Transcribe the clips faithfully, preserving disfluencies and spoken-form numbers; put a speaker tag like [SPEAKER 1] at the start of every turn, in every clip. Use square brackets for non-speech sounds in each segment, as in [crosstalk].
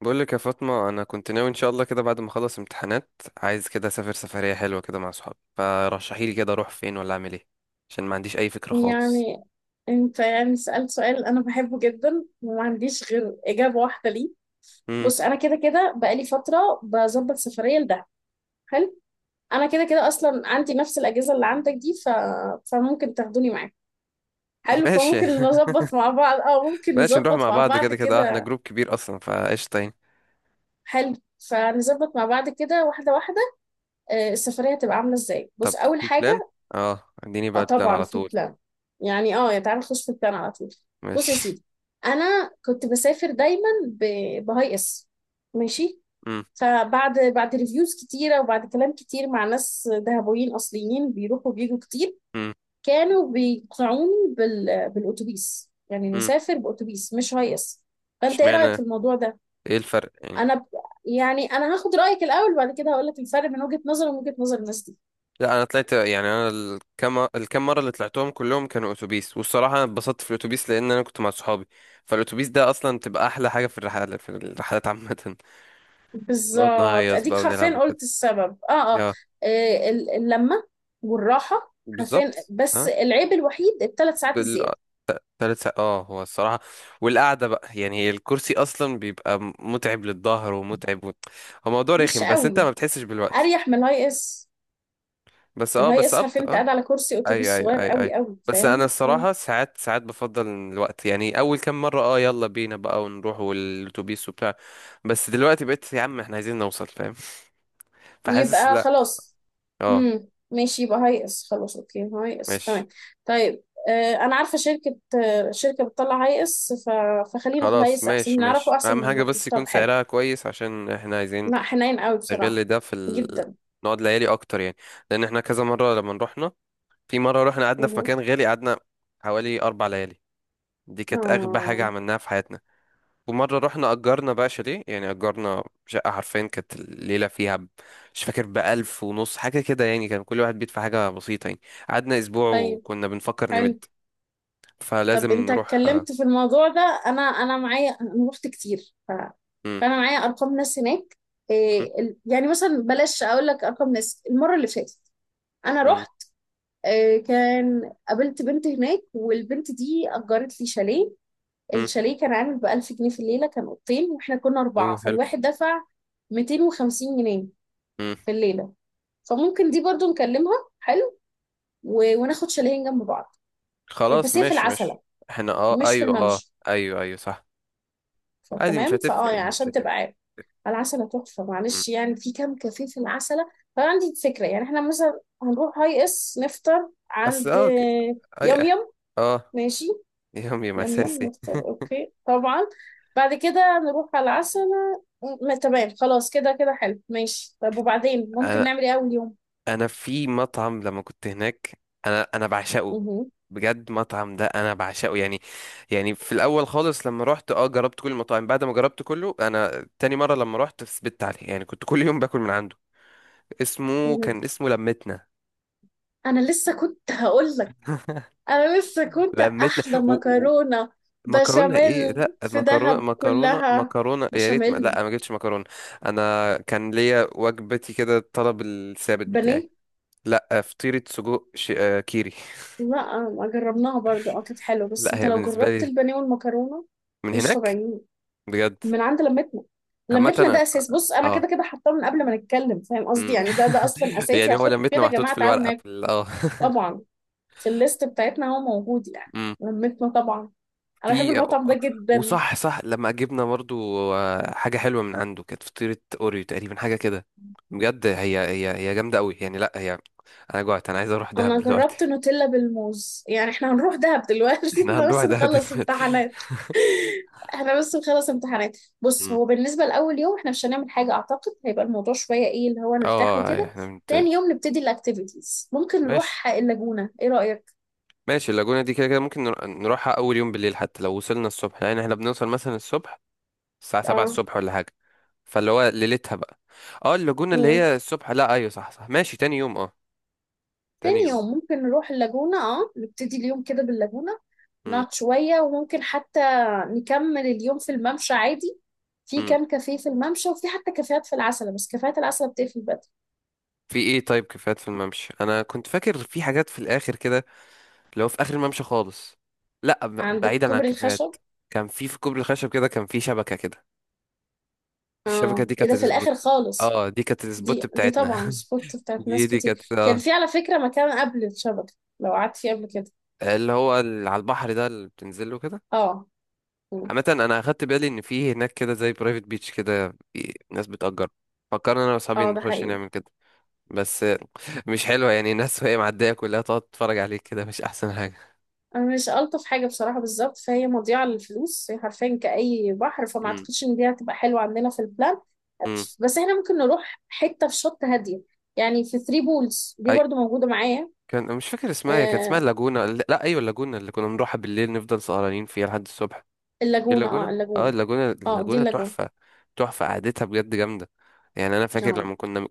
[SPEAKER 1] بقول لك يا فاطمة، أنا كنت ناوي إن شاء الله كده بعد ما أخلص امتحانات، عايز كده أسافر سفرية حلوة كده مع صحابي. فرشحي لي كده أروح فين ولا أعمل إيه، عشان ما عنديش أي فكرة خالص.
[SPEAKER 2] يعني انت يعني سألت سؤال انا بحبه جدا وما عنديش غير اجابة واحدة ليه.
[SPEAKER 1] امم
[SPEAKER 2] بص، انا كده كده بقالي فترة بظبط سفرية لدهب. حلو، انا كده كده اصلا عندي نفس الاجهزة اللي عندك دي ف... فممكن تاخدوني معاك.
[SPEAKER 1] [laughs]
[SPEAKER 2] حلو،
[SPEAKER 1] ماشي
[SPEAKER 2] فممكن نظبط مع بعض، اه ممكن
[SPEAKER 1] ماشي، نروح
[SPEAKER 2] نظبط
[SPEAKER 1] مع
[SPEAKER 2] مع
[SPEAKER 1] بعض
[SPEAKER 2] بعض
[SPEAKER 1] كده كده. آه، إحنا
[SPEAKER 2] كده.
[SPEAKER 1] جروب كبير أصلا، فقشطة يعني.
[SPEAKER 2] حلو، فنظبط مع بعض كده واحدة واحدة. آه، السفرية هتبقى عاملة ازاي؟ بص،
[SPEAKER 1] طب
[SPEAKER 2] اول
[SPEAKER 1] في بلان؟
[SPEAKER 2] حاجة
[SPEAKER 1] أه اديني
[SPEAKER 2] اه
[SPEAKER 1] بقى البلان
[SPEAKER 2] طبعا
[SPEAKER 1] على
[SPEAKER 2] في
[SPEAKER 1] طول.
[SPEAKER 2] بلان، يعني اه يا تعالى نخش في البلان على طول. بص يا
[SPEAKER 1] ماشي.
[SPEAKER 2] سيدي، انا كنت بسافر دايما ب... بهاي اس. ماشي،
[SPEAKER 1] امم
[SPEAKER 2] فبعد بعد ريفيوز كتيره وبعد كلام كتير مع ناس دهبويين اصليين بيروحوا وبيجوا كتير،
[SPEAKER 1] امم
[SPEAKER 2] كانوا بيقنعوني بال... بالاتوبيس، يعني
[SPEAKER 1] امم
[SPEAKER 2] نسافر باتوبيس مش هاي اس. فانت ايه رايك
[SPEAKER 1] اشمعنى؟
[SPEAKER 2] في الموضوع ده؟
[SPEAKER 1] إيه الفرق يعني؟
[SPEAKER 2] انا ب... يعني انا هاخد رايك الاول وبعد كده هقول لك الفرق بين وجهه نظري ومن وجهه نظر الناس دي.
[SPEAKER 1] لا انا طلعت، يعني انا الكام الكام مره اللي طلعتهم كلهم كانوا اتوبيس، والصراحه انا اتبسطت في الاتوبيس لان انا كنت مع صحابي. فالاتوبيس ده اصلا بتبقى احلى حاجه في الرحلات، في الرحلات عامه. [laughs] نقعد
[SPEAKER 2] بالظبط،
[SPEAKER 1] نهيص
[SPEAKER 2] اديك
[SPEAKER 1] بقى ونلعب
[SPEAKER 2] حرفيا
[SPEAKER 1] وكده.
[SPEAKER 2] قلت السبب. اه اه
[SPEAKER 1] اه
[SPEAKER 2] آه، ال- اللمه والراحه حرفيا،
[SPEAKER 1] بالظبط.
[SPEAKER 2] بس
[SPEAKER 1] اه
[SPEAKER 2] العيب الوحيد الثلاث ساعات
[SPEAKER 1] بال...
[SPEAKER 2] الزياده.
[SPEAKER 1] تلات ساعات، اه هو الصراحه. والقعده بقى، يعني هي الكرسي اصلا بيبقى متعب للظهر ومتعب و... هو موضوع
[SPEAKER 2] مش
[SPEAKER 1] رخم، بس انت
[SPEAKER 2] قوي،
[SPEAKER 1] ما بتحسش بالوقت.
[SPEAKER 2] اريح من الهاي اس.
[SPEAKER 1] بس اه
[SPEAKER 2] الهاي
[SPEAKER 1] بس
[SPEAKER 2] اس حرفيا انت
[SPEAKER 1] اه
[SPEAKER 2] قاعد على كرسي
[SPEAKER 1] ايوه
[SPEAKER 2] اتوبيس
[SPEAKER 1] ايوه
[SPEAKER 2] صغير
[SPEAKER 1] ايوه ايوه.
[SPEAKER 2] قوي قوي،
[SPEAKER 1] بس انا
[SPEAKER 2] فاهم؟ مم.
[SPEAKER 1] الصراحه، ساعات ساعات بفضل الوقت، يعني اول كام مره اه يلا بينا بقى ونروح والاتوبيس وبتاع. بس دلوقتي بقيت يا عم، احنا عايزين نوصل فاهم. فحاسس
[SPEAKER 2] يبقى
[SPEAKER 1] لا.
[SPEAKER 2] خلاص.
[SPEAKER 1] اه.
[SPEAKER 2] امم ماشي، يبقى هاي اس، خلاص، اوكي، هاي اس تمام.
[SPEAKER 1] ماشي
[SPEAKER 2] طيب، آه انا عارفه شركه، آه شركه بتطلع هاي اس ف... فخلينا في الهاي
[SPEAKER 1] خلاص.
[SPEAKER 2] اس، احسن
[SPEAKER 1] ماشي
[SPEAKER 2] نعرفه
[SPEAKER 1] ماشي،
[SPEAKER 2] احسن
[SPEAKER 1] اهم
[SPEAKER 2] من
[SPEAKER 1] حاجه
[SPEAKER 2] ما
[SPEAKER 1] بس
[SPEAKER 2] فيهوش.
[SPEAKER 1] يكون
[SPEAKER 2] طب حلو،
[SPEAKER 1] سعرها كويس عشان احنا عايزين
[SPEAKER 2] لا حنين قوي بصراحه،
[SPEAKER 1] نغل ده في ال...
[SPEAKER 2] جدا.
[SPEAKER 1] نقعد ليالي اكتر يعني. لان احنا كذا مره لما رحنا، في مره رحنا قعدنا في مكان غالي، قعدنا حوالي اربع ليالي. دي كانت اغبى حاجه
[SPEAKER 2] اه
[SPEAKER 1] عملناها في حياتنا. ومرة رحنا أجرنا بقى شاليه، يعني أجرنا شقة حرفيا، كانت الليلة فيها ب- مش فاكر، بألف ونص حاجة كده، يعني كان كل واحد بيدفع حاجة بسيطة يعني. قعدنا أسبوع
[SPEAKER 2] طيب،
[SPEAKER 1] وكنا بنفكر
[SPEAKER 2] حلو.
[SPEAKER 1] نمد. فلازم
[SPEAKER 2] طب انت
[SPEAKER 1] نروح آه،
[SPEAKER 2] اتكلمت في الموضوع ده، انا انا معايا، انا رحت كتير ف...
[SPEAKER 1] مم،
[SPEAKER 2] فانا معايا ارقام ناس هناك.
[SPEAKER 1] مم،
[SPEAKER 2] إيه ال... يعني مثلا بلاش، اقول لك ارقام ناس المره اللي فاتت انا
[SPEAKER 1] مم،
[SPEAKER 2] رحت. إيه كان قابلت بنت هناك، والبنت دي اجرت لي شاليه.
[SPEAKER 1] مم.
[SPEAKER 2] الشاليه كان عامل ب ألف جنيه في الليله، كان اوضتين، واحنا كنا اربعه،
[SPEAKER 1] أوه حلو.
[SPEAKER 2] فالواحد دفع مئتين وخمسين جنيه
[SPEAKER 1] مم.
[SPEAKER 2] في الليله. فممكن دي برضو نكلمها. حلو، و... وناخد شاليهين جنب بعض. إيه،
[SPEAKER 1] خلاص
[SPEAKER 2] بس هي في
[SPEAKER 1] ماشي
[SPEAKER 2] العسل،
[SPEAKER 1] ماشي. احنا اه
[SPEAKER 2] مش في
[SPEAKER 1] أيوه اه.
[SPEAKER 2] الممشى.
[SPEAKER 1] أيوه أيوه صح. عادي مش
[SPEAKER 2] فتمام، فاه
[SPEAKER 1] هتفرق
[SPEAKER 2] يعني
[SPEAKER 1] يعني، مش
[SPEAKER 2] عشان
[SPEAKER 1] هتفرق.
[SPEAKER 2] تبقى عارف. العسلة تحفة،
[SPEAKER 1] مم.
[SPEAKER 2] معلش يعني، في كام كافيه في العسلة، فأنا عندي فكرة، يعني احنا مثلا هنروح هاي اس نفطر
[SPEAKER 1] بس
[SPEAKER 2] عند
[SPEAKER 1] اه كده
[SPEAKER 2] يم
[SPEAKER 1] أيوه
[SPEAKER 2] يم.
[SPEAKER 1] اه.
[SPEAKER 2] ماشي،
[SPEAKER 1] يومي
[SPEAKER 2] يم يم
[SPEAKER 1] مساسي.
[SPEAKER 2] نفطر، اوكي، طبعا، بعد كده نروح على العسلة. م- تمام، خلاص كده كده، حلو، ماشي. طب وبعدين ممكن
[SPEAKER 1] انا
[SPEAKER 2] نعمل ايه أول يوم؟
[SPEAKER 1] انا في مطعم لما كنت هناك، انا انا بعشقه.
[SPEAKER 2] مه.
[SPEAKER 1] بجد مطعم ده انا بعشقه يعني. يعني في الاول خالص لما رحت اه جربت كل المطاعم، بعد ما جربت كله انا تاني مره لما رحت ثبت عليه، يعني كنت كل يوم باكل من عنده. اسمه
[SPEAKER 2] مه.
[SPEAKER 1] كان اسمه لمتنا.
[SPEAKER 2] أنا لسه كنت هقول لك، انا لسه كنت
[SPEAKER 1] لمتنا
[SPEAKER 2] احلى
[SPEAKER 1] و... و...
[SPEAKER 2] مكرونه
[SPEAKER 1] مكرونه
[SPEAKER 2] بشاميل
[SPEAKER 1] ايه؟ لا،
[SPEAKER 2] في
[SPEAKER 1] مكرونه
[SPEAKER 2] دهب
[SPEAKER 1] مكرونه
[SPEAKER 2] كلها،
[SPEAKER 1] مكرونه يا ريت، ما...
[SPEAKER 2] بشاميل،
[SPEAKER 1] لا ما جبتش مكرونه. انا كان ليا وجبتي كده، الطلب الثابت بتاعي.
[SPEAKER 2] بانيه.
[SPEAKER 1] لا فطيره سجق ش... آه، كيري.
[SPEAKER 2] لا ما جربناها برضو، اه كانت حلوه، بس
[SPEAKER 1] لا
[SPEAKER 2] انت
[SPEAKER 1] هي
[SPEAKER 2] لو
[SPEAKER 1] بالنسبه
[SPEAKER 2] جربت
[SPEAKER 1] لي
[SPEAKER 2] البانيه والمكرونه
[SPEAKER 1] من
[SPEAKER 2] مش
[SPEAKER 1] هناك
[SPEAKER 2] طبيعيين،
[SPEAKER 1] بجد.
[SPEAKER 2] من عند لمتنا.
[SPEAKER 1] عامة
[SPEAKER 2] لمتنا ده
[SPEAKER 1] أنا-
[SPEAKER 2] اساس، بص انا
[SPEAKER 1] اه.
[SPEAKER 2] كده كده حاطاه من قبل ما نتكلم، فاهم قصدي؟
[SPEAKER 1] مم.
[SPEAKER 2] يعني ده ده اصلا
[SPEAKER 1] [laughs]
[SPEAKER 2] اساسي،
[SPEAKER 1] يعني هو
[SPEAKER 2] هاخد
[SPEAKER 1] لمتنا
[SPEAKER 2] كده يا
[SPEAKER 1] محطوط
[SPEAKER 2] جماعه
[SPEAKER 1] في
[SPEAKER 2] تعالوا
[SPEAKER 1] الورقة
[SPEAKER 2] ناكل.
[SPEAKER 1] في ال- اه
[SPEAKER 2] طبعا في الليست بتاعتنا هو موجود يعني،
[SPEAKER 1] مم.
[SPEAKER 2] لمتنا طبعا. انا بحب
[SPEAKER 1] في.
[SPEAKER 2] المطعم ده جدا.
[SPEAKER 1] وصح صح لما جبنا برضو آه، حاجة حلوة من عنده، كانت فطيرة اوريو تقريبا حاجة كده. بجد هي هي هي جامدة قوي يعني، لا هي. انا جوعت، انا عايز اروح دهب
[SPEAKER 2] انا جربت
[SPEAKER 1] دلوقتي.
[SPEAKER 2] نوتيلا بالموز، يعني احنا هنروح دهب دلوقتي؟
[SPEAKER 1] [laughs]
[SPEAKER 2] [laughs]
[SPEAKER 1] احنا
[SPEAKER 2] احنا
[SPEAKER 1] هنروح
[SPEAKER 2] بس
[SPEAKER 1] دهب
[SPEAKER 2] نخلص
[SPEAKER 1] دلوقتي.
[SPEAKER 2] امتحانات، احنا بس نخلص امتحانات. بص،
[SPEAKER 1] مم.
[SPEAKER 2] هو بالنسبة لأول يوم احنا مش هنعمل حاجة، اعتقد هيبقى الموضوع شوية ايه اللي هو
[SPEAKER 1] اه.
[SPEAKER 2] نرتاح
[SPEAKER 1] آه، آه،
[SPEAKER 2] وكده.
[SPEAKER 1] احنا بنت...
[SPEAKER 2] تاني يوم نبتدي الاكتيفيتيز، ممكن
[SPEAKER 1] ماشي.
[SPEAKER 2] نروح اللاجونة، ايه رأيك؟
[SPEAKER 1] ماشي، اللاجونة دي كده كده ممكن نر- نروحها اول يوم بالليل، حتى لو وصلنا الصبح، لان احنا بنوصل مثلا الصبح الساعة سبعة
[SPEAKER 2] اه
[SPEAKER 1] الصبح ولا حاجة. فاللي هو ليلتها بقى. اه اللاجونة اللي
[SPEAKER 2] مم.
[SPEAKER 1] هي الصبح لا ايوه صح صح، ماشي تاني يوم اه. تاني
[SPEAKER 2] تاني
[SPEAKER 1] يوم.
[SPEAKER 2] يوم ممكن نروح اللاجونة، اه نبتدي اليوم كده باللاجونة،
[SPEAKER 1] مم.
[SPEAKER 2] نقعد شوية وممكن حتى نكمل اليوم في الممشى عادي. في
[SPEAKER 1] مم.
[SPEAKER 2] كام كافيه في الممشى، وفي حتى كافيهات في العسل، بس كافيهات العسل بتقفل.
[SPEAKER 1] في ايه؟ طيب كافيهات في الممشى، انا كنت فاكر في حاجات في الاخر كده، اللي هو في اخر الممشى خالص. لا ب-
[SPEAKER 2] عندك
[SPEAKER 1] بعيدا عن
[SPEAKER 2] كوبري الخشب،
[SPEAKER 1] الكافيهات، كان في في كوبري الخشب كده، كان في شبكة كده. الشبكة
[SPEAKER 2] اه
[SPEAKER 1] دي
[SPEAKER 2] ايه
[SPEAKER 1] كانت
[SPEAKER 2] ده في
[SPEAKER 1] السبوت.
[SPEAKER 2] الاخر خالص.
[SPEAKER 1] اه دي كانت السبوت
[SPEAKER 2] دي دي
[SPEAKER 1] بتاعتنا.
[SPEAKER 2] طبعا
[SPEAKER 1] [laughs]
[SPEAKER 2] سبوت بتاعت
[SPEAKER 1] دي
[SPEAKER 2] ناس
[SPEAKER 1] دي كانت
[SPEAKER 2] كتير، كان
[SPEAKER 1] اه
[SPEAKER 2] في على فكرة مكان قبل الشبكة لو قعدت فيه قبل كده.
[SPEAKER 1] اللي هو اللي على البحر ده اللي بتنزله كده.
[SPEAKER 2] اه مم.
[SPEAKER 1] عامة انا اخدت بالي ان في هناك كده زي برايفت بيتش كده، في ناس بتأجر. فكرنا انا واصحابي
[SPEAKER 2] اه ده
[SPEAKER 1] نخش
[SPEAKER 2] حقيقي،
[SPEAKER 1] نعمل كده، بس مش حلوة يعني، الناس وهي معدية كلها تقعد تتفرج عليك كده، مش احسن حاجة.
[SPEAKER 2] انا مش الطف حاجة بصراحة، بالظبط، فهي مضيعة للفلوس، هي حرفيا كأي بحر، فما
[SPEAKER 1] امم
[SPEAKER 2] اعتقدش ان دي هتبقى حلوة عندنا في البلان.
[SPEAKER 1] امم
[SPEAKER 2] بس احنا ممكن نروح حتة في شط هادية، يعني في ثري بولز دي
[SPEAKER 1] اي
[SPEAKER 2] برضو موجودة معايا.
[SPEAKER 1] كان، مش فاكر اسمها، هي كانت اسمها
[SPEAKER 2] آه
[SPEAKER 1] اللاجونة. لا ايوه اللاجونة، اللي كنا بنروحها بالليل نفضل سهرانين فيها لحد الصبح. ايه
[SPEAKER 2] اللاجونة
[SPEAKER 1] اللاجونة.
[SPEAKER 2] اه
[SPEAKER 1] اه
[SPEAKER 2] اللاجونة
[SPEAKER 1] اللاجونة،
[SPEAKER 2] اه دي
[SPEAKER 1] اللاجونة
[SPEAKER 2] اللاجونة،
[SPEAKER 1] تحفة. تحفة، قعدتها بجد جامدة. يعني انا فاكر
[SPEAKER 2] اه
[SPEAKER 1] لما كنا،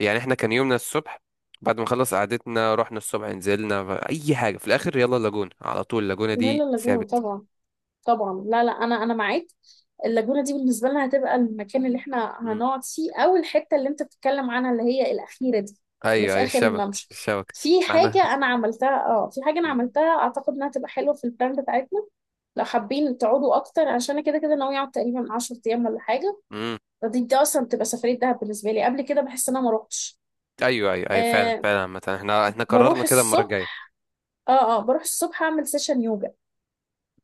[SPEAKER 1] يعني احنا كان يومنا الصبح، بعد ما خلص قعدتنا رحنا الصبح، نزلنا ف- اي حاجة في الاخر يلا اللاجونة على طول. اللاجونة
[SPEAKER 2] لا لا،
[SPEAKER 1] دي
[SPEAKER 2] اللاجونة
[SPEAKER 1] ثابت.
[SPEAKER 2] طبعا، طبعا، لا لا، انا انا معاك. اللاجونه دي بالنسبه لنا هتبقى المكان اللي احنا
[SPEAKER 1] مم.
[SPEAKER 2] هنقعد فيه، او الحته اللي انت بتتكلم عنها اللي هي الاخيره دي، اللي
[SPEAKER 1] ايوه
[SPEAKER 2] في
[SPEAKER 1] ايوه
[SPEAKER 2] اخر
[SPEAKER 1] الشبكة
[SPEAKER 2] الممشى.
[SPEAKER 1] الشبكة.
[SPEAKER 2] في
[SPEAKER 1] ما احنا.
[SPEAKER 2] حاجه انا عملتها، اه في حاجه انا
[SPEAKER 1] مم.
[SPEAKER 2] عملتها اعتقد انها تبقى حلوه في البلان بتاعتنا. لو حابين تقعدوا اكتر، عشان أنا كده كده ناوي اقعد تقريبا عشر أيام ايام ولا حاجه،
[SPEAKER 1] مم.
[SPEAKER 2] فدي دي اصلا بتبقى سفريه دهب بالنسبه لي، قبل كده بحس ان انا ما روحتش.
[SPEAKER 1] ايوه ايوه ايوه فعلا
[SPEAKER 2] آه
[SPEAKER 1] فعلا. عامة احنا احنا قررنا
[SPEAKER 2] بروح
[SPEAKER 1] كده المرة الجاية.
[SPEAKER 2] الصبح، اه اه بروح الصبح اعمل سيشن يوجا.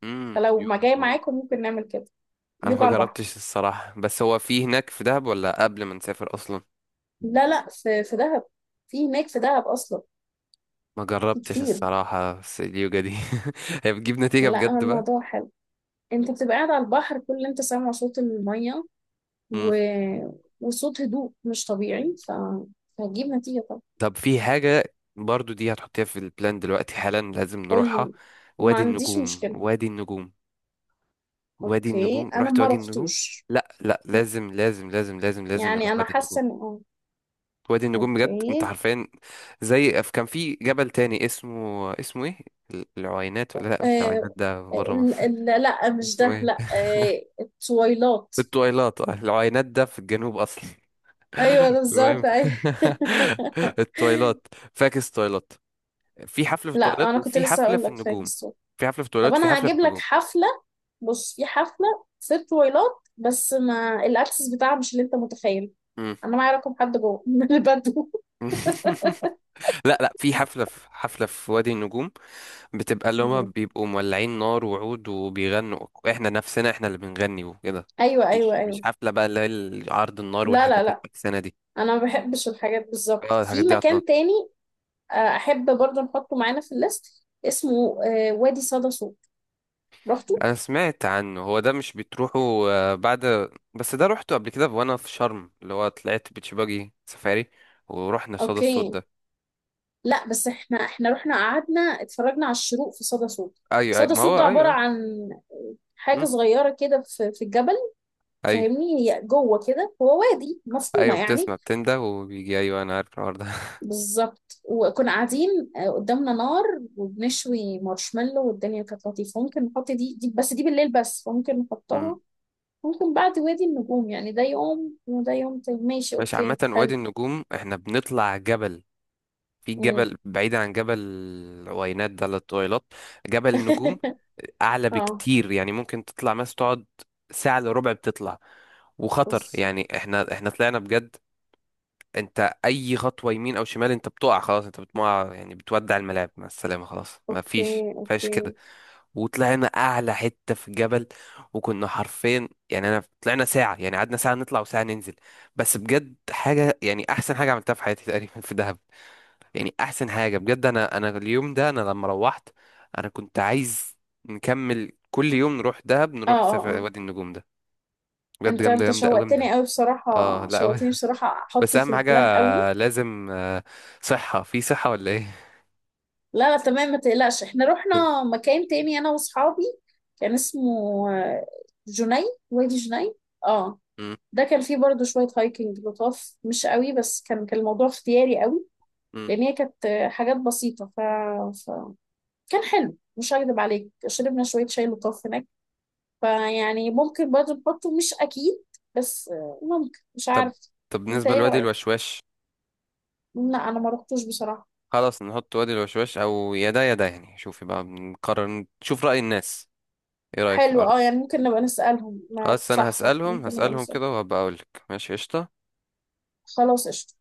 [SPEAKER 1] امم،
[SPEAKER 2] فلو ما
[SPEAKER 1] يوجا،
[SPEAKER 2] جاي
[SPEAKER 1] واو.
[SPEAKER 2] معاكم ممكن نعمل كده،
[SPEAKER 1] انا
[SPEAKER 2] يوجا
[SPEAKER 1] ما
[SPEAKER 2] على البحر.
[SPEAKER 1] جربتش الصراحة، بس هو في هناك في دهب ولا قبل ما نسافر اصلا؟
[SPEAKER 2] لا لا، في في دهب، في هناك في دهب اصلا،
[SPEAKER 1] ما
[SPEAKER 2] في
[SPEAKER 1] جربتش
[SPEAKER 2] كتير.
[SPEAKER 1] الصراحة، بس اليوجا دي [laughs] هي بتجيب نتيجة
[SPEAKER 2] لا هو
[SPEAKER 1] بجد بقى.
[SPEAKER 2] الموضوع حلو، انت بتبقى قاعد على البحر، كل اللي انت سامعه صوت الميه
[SPEAKER 1] مم.
[SPEAKER 2] و... وصوت هدوء مش طبيعي ف... فهتجيب نتيجه طبعا.
[SPEAKER 1] طب في حاجة برضو دي هتحطيها في البلان دلوقتي حالا لازم
[SPEAKER 2] قول
[SPEAKER 1] نروحها.
[SPEAKER 2] لي، ما
[SPEAKER 1] وادي
[SPEAKER 2] عنديش
[SPEAKER 1] النجوم،
[SPEAKER 2] مشكله.
[SPEAKER 1] وادي النجوم. وادي
[SPEAKER 2] اوكي،
[SPEAKER 1] النجوم،
[SPEAKER 2] انا
[SPEAKER 1] رحت
[SPEAKER 2] ما
[SPEAKER 1] وادي النجوم.
[SPEAKER 2] رحتوش،
[SPEAKER 1] لا لا
[SPEAKER 2] لا،
[SPEAKER 1] لازم لازم لازم لازم لازم
[SPEAKER 2] يعني
[SPEAKER 1] نروح
[SPEAKER 2] انا
[SPEAKER 1] وادي النجوم.
[SPEAKER 2] حاسه ان اه
[SPEAKER 1] وادي النجوم بجد، انت
[SPEAKER 2] اوكي.
[SPEAKER 1] حرفيا. زي ف- كان في جبل تاني اسمه، اسمه ايه؟ العوينات؟ ولا لا مش العوينات،
[SPEAKER 2] آه...
[SPEAKER 1] ده بره
[SPEAKER 2] ال-
[SPEAKER 1] مصر.
[SPEAKER 2] ال- لا
[SPEAKER 1] [laughs]
[SPEAKER 2] مش
[SPEAKER 1] اسمه
[SPEAKER 2] ده،
[SPEAKER 1] ايه؟
[SPEAKER 2] لا، آه... التويلات،
[SPEAKER 1] الطويلات. آه، العوينات ده في الجنوب اصلا.
[SPEAKER 2] ايوه ده
[SPEAKER 1] المهم،
[SPEAKER 2] بالظبط، ايوه.
[SPEAKER 1] [laughs] التويلات. فاكس تويلات. في حفلة
[SPEAKER 2] [laughs]
[SPEAKER 1] في
[SPEAKER 2] لا
[SPEAKER 1] التويلات
[SPEAKER 2] انا كنت
[SPEAKER 1] وفي
[SPEAKER 2] لسه
[SPEAKER 1] حفلة
[SPEAKER 2] هقول
[SPEAKER 1] في
[SPEAKER 2] لك
[SPEAKER 1] النجوم.
[SPEAKER 2] فاكس.
[SPEAKER 1] في حفلة في
[SPEAKER 2] طب
[SPEAKER 1] التويلات وفي
[SPEAKER 2] انا
[SPEAKER 1] حفلة في
[SPEAKER 2] هجيب لك
[SPEAKER 1] النجوم.
[SPEAKER 2] حفله، بص في حفله في طويلات، بس ما الاكسس بتاعها مش اللي انت متخيل،
[SPEAKER 1] مم.
[SPEAKER 2] انا معايا رقم حد جوه [laughs] من البدو.
[SPEAKER 1] [laughs] لا لا في حفلة، في حفلة في وادي النجوم، بتبقى اللي هما بيبقوا مولعين نار وعود وبيغنوا، احنا نفسنا احنا اللي بنغني وكده.
[SPEAKER 2] ايوه ايوه
[SPEAKER 1] مش مش
[SPEAKER 2] ايوه،
[SPEAKER 1] حفلة بقى اللي هي عرض النار
[SPEAKER 2] لا
[SPEAKER 1] والحاجات
[SPEAKER 2] لا لا،
[SPEAKER 1] الفكسانة دي.
[SPEAKER 2] انا ما بحبش الحاجات بالظبط
[SPEAKER 1] اه الحاجات
[SPEAKER 2] في
[SPEAKER 1] دي.
[SPEAKER 2] مكان تاني. آه، احب برضه نحطه معانا في الليست، اسمه آه، وادي صدى صوت، رحتوا؟
[SPEAKER 1] انا سمعت عنه، هو ده مش بتروحوا آه، بعد؟ بس ده روحته قبل كده وانا في شرم، اللي هو طلعت بيتش باجي سفاري، ورحنا صدى الصوت
[SPEAKER 2] اوكي،
[SPEAKER 1] ده.
[SPEAKER 2] لا بس احنا، احنا رحنا قعدنا اتفرجنا على الشروق في صدى صوت.
[SPEAKER 1] ايوه ايوه
[SPEAKER 2] صدى
[SPEAKER 1] ما
[SPEAKER 2] صوت ده
[SPEAKER 1] هو
[SPEAKER 2] عباره
[SPEAKER 1] ايوه.
[SPEAKER 2] عن حاجه
[SPEAKER 1] امم.
[SPEAKER 2] صغيره كده في في الجبل،
[SPEAKER 1] ايوه
[SPEAKER 2] فاهمني، هي جوه كده، هو وادي مفهومة
[SPEAKER 1] ايوه
[SPEAKER 2] يعني.
[SPEAKER 1] بتسمع بتنده وبيجي، ايوه انا عارف الحوار ده.
[SPEAKER 2] بالظبط، وكنا قاعدين، آه، قدامنا نار وبنشوي مارشميلو، والدنيا كانت لطيفة. ممكن نحط دي, دي، بس دي بالليل، بس ممكن
[SPEAKER 1] [laughs] أمم.
[SPEAKER 2] نحطها، ممكن بعد وادي النجوم، يعني ده يوم وده يوم تاني، ماشي،
[SPEAKER 1] مش عامة
[SPEAKER 2] اوكي،
[SPEAKER 1] وادي
[SPEAKER 2] حلو.
[SPEAKER 1] النجوم احنا بنطلع جبل، في
[SPEAKER 2] مم.
[SPEAKER 1] جبل بعيد عن جبل العوينات ده للطويلات. جبل النجوم.
[SPEAKER 2] [laughs]
[SPEAKER 1] آه، اعلى
[SPEAKER 2] اه
[SPEAKER 1] بكتير، يعني ممكن تطلع مثلا تقعد ساعة الا ربع بتطلع. وخطر
[SPEAKER 2] بص،
[SPEAKER 1] يعني، احنا احنا طلعنا بجد. انت اي خطوه يمين او شمال انت بتقع، خلاص انت بتقع، يعني بتودع الملاعب مع السلامه، خلاص ما فيش
[SPEAKER 2] اوكي
[SPEAKER 1] فيش كده.
[SPEAKER 2] اوكي.
[SPEAKER 1] وطلعنا اعلى حته في الجبل، وكنا حرفيا يعني انا طلعنا ساعه، يعني قعدنا ساعه نطلع وساعه ننزل. بس بجد حاجه، يعني احسن حاجه عملتها في حياتي تقريبا في دهب. يعني احسن حاجه بجد، انا انا اليوم ده، انا لما روحت انا كنت عايز نكمل كل يوم نروح دهب،
[SPEAKER 2] اه
[SPEAKER 1] نروح
[SPEAKER 2] اه
[SPEAKER 1] سفر
[SPEAKER 2] اه
[SPEAKER 1] وادي النجوم ده. بجد
[SPEAKER 2] انت
[SPEAKER 1] جامده
[SPEAKER 2] انت
[SPEAKER 1] جامده قوي
[SPEAKER 2] شوقتني
[SPEAKER 1] جامده.
[SPEAKER 2] قوي
[SPEAKER 1] اه
[SPEAKER 2] بصراحة،
[SPEAKER 1] لا
[SPEAKER 2] شوقتني
[SPEAKER 1] [laughs]
[SPEAKER 2] بصراحة،
[SPEAKER 1] بس
[SPEAKER 2] احطه في
[SPEAKER 1] اهم حاجه،
[SPEAKER 2] البلان قوي.
[SPEAKER 1] لازم آه، صحة في صحة ولا ايه؟
[SPEAKER 2] لا لا تمام، ما تقلقش، احنا رحنا مكان تاني انا واصحابي، كان اسمه آه، جني، وادي جني، اه.
[SPEAKER 1] مم.
[SPEAKER 2] ده كان فيه برضو شوية هايكنج لطاف، مش قوي بس، كان كان الموضوع اختياري قوي،
[SPEAKER 1] مم.
[SPEAKER 2] لان هي كانت آه، حاجات بسيطة ف... ف... كان حلو، مش هكدب عليك، شربنا شوية شاي لطاف هناك. فيعني ممكن برضو نحطه، مش اكيد، بس آه، ممكن، مش
[SPEAKER 1] طب
[SPEAKER 2] عارف.
[SPEAKER 1] طب
[SPEAKER 2] انت
[SPEAKER 1] بالنسبة
[SPEAKER 2] ايه
[SPEAKER 1] لوادي
[SPEAKER 2] رأيك؟
[SPEAKER 1] الوشواش.
[SPEAKER 2] لا انا ما رحتوش بصراحة.
[SPEAKER 1] خلاص نحط وادي الوشواش او يا ده يا ده يعني، شوفي بقى نقرر نشوف رأي الناس. ايه رأيك في
[SPEAKER 2] حلو،
[SPEAKER 1] الأرض
[SPEAKER 2] اه
[SPEAKER 1] ده؟
[SPEAKER 2] يعني ممكن نبقى نسألهم، ما
[SPEAKER 1] خلاص انا
[SPEAKER 2] صح صح،
[SPEAKER 1] هسألهم،
[SPEAKER 2] ممكن نبقى
[SPEAKER 1] هسألهم
[SPEAKER 2] نسألهم.
[SPEAKER 1] كده وهبقى اقولك. ماشي قشطة.
[SPEAKER 2] خلاص، قشطة.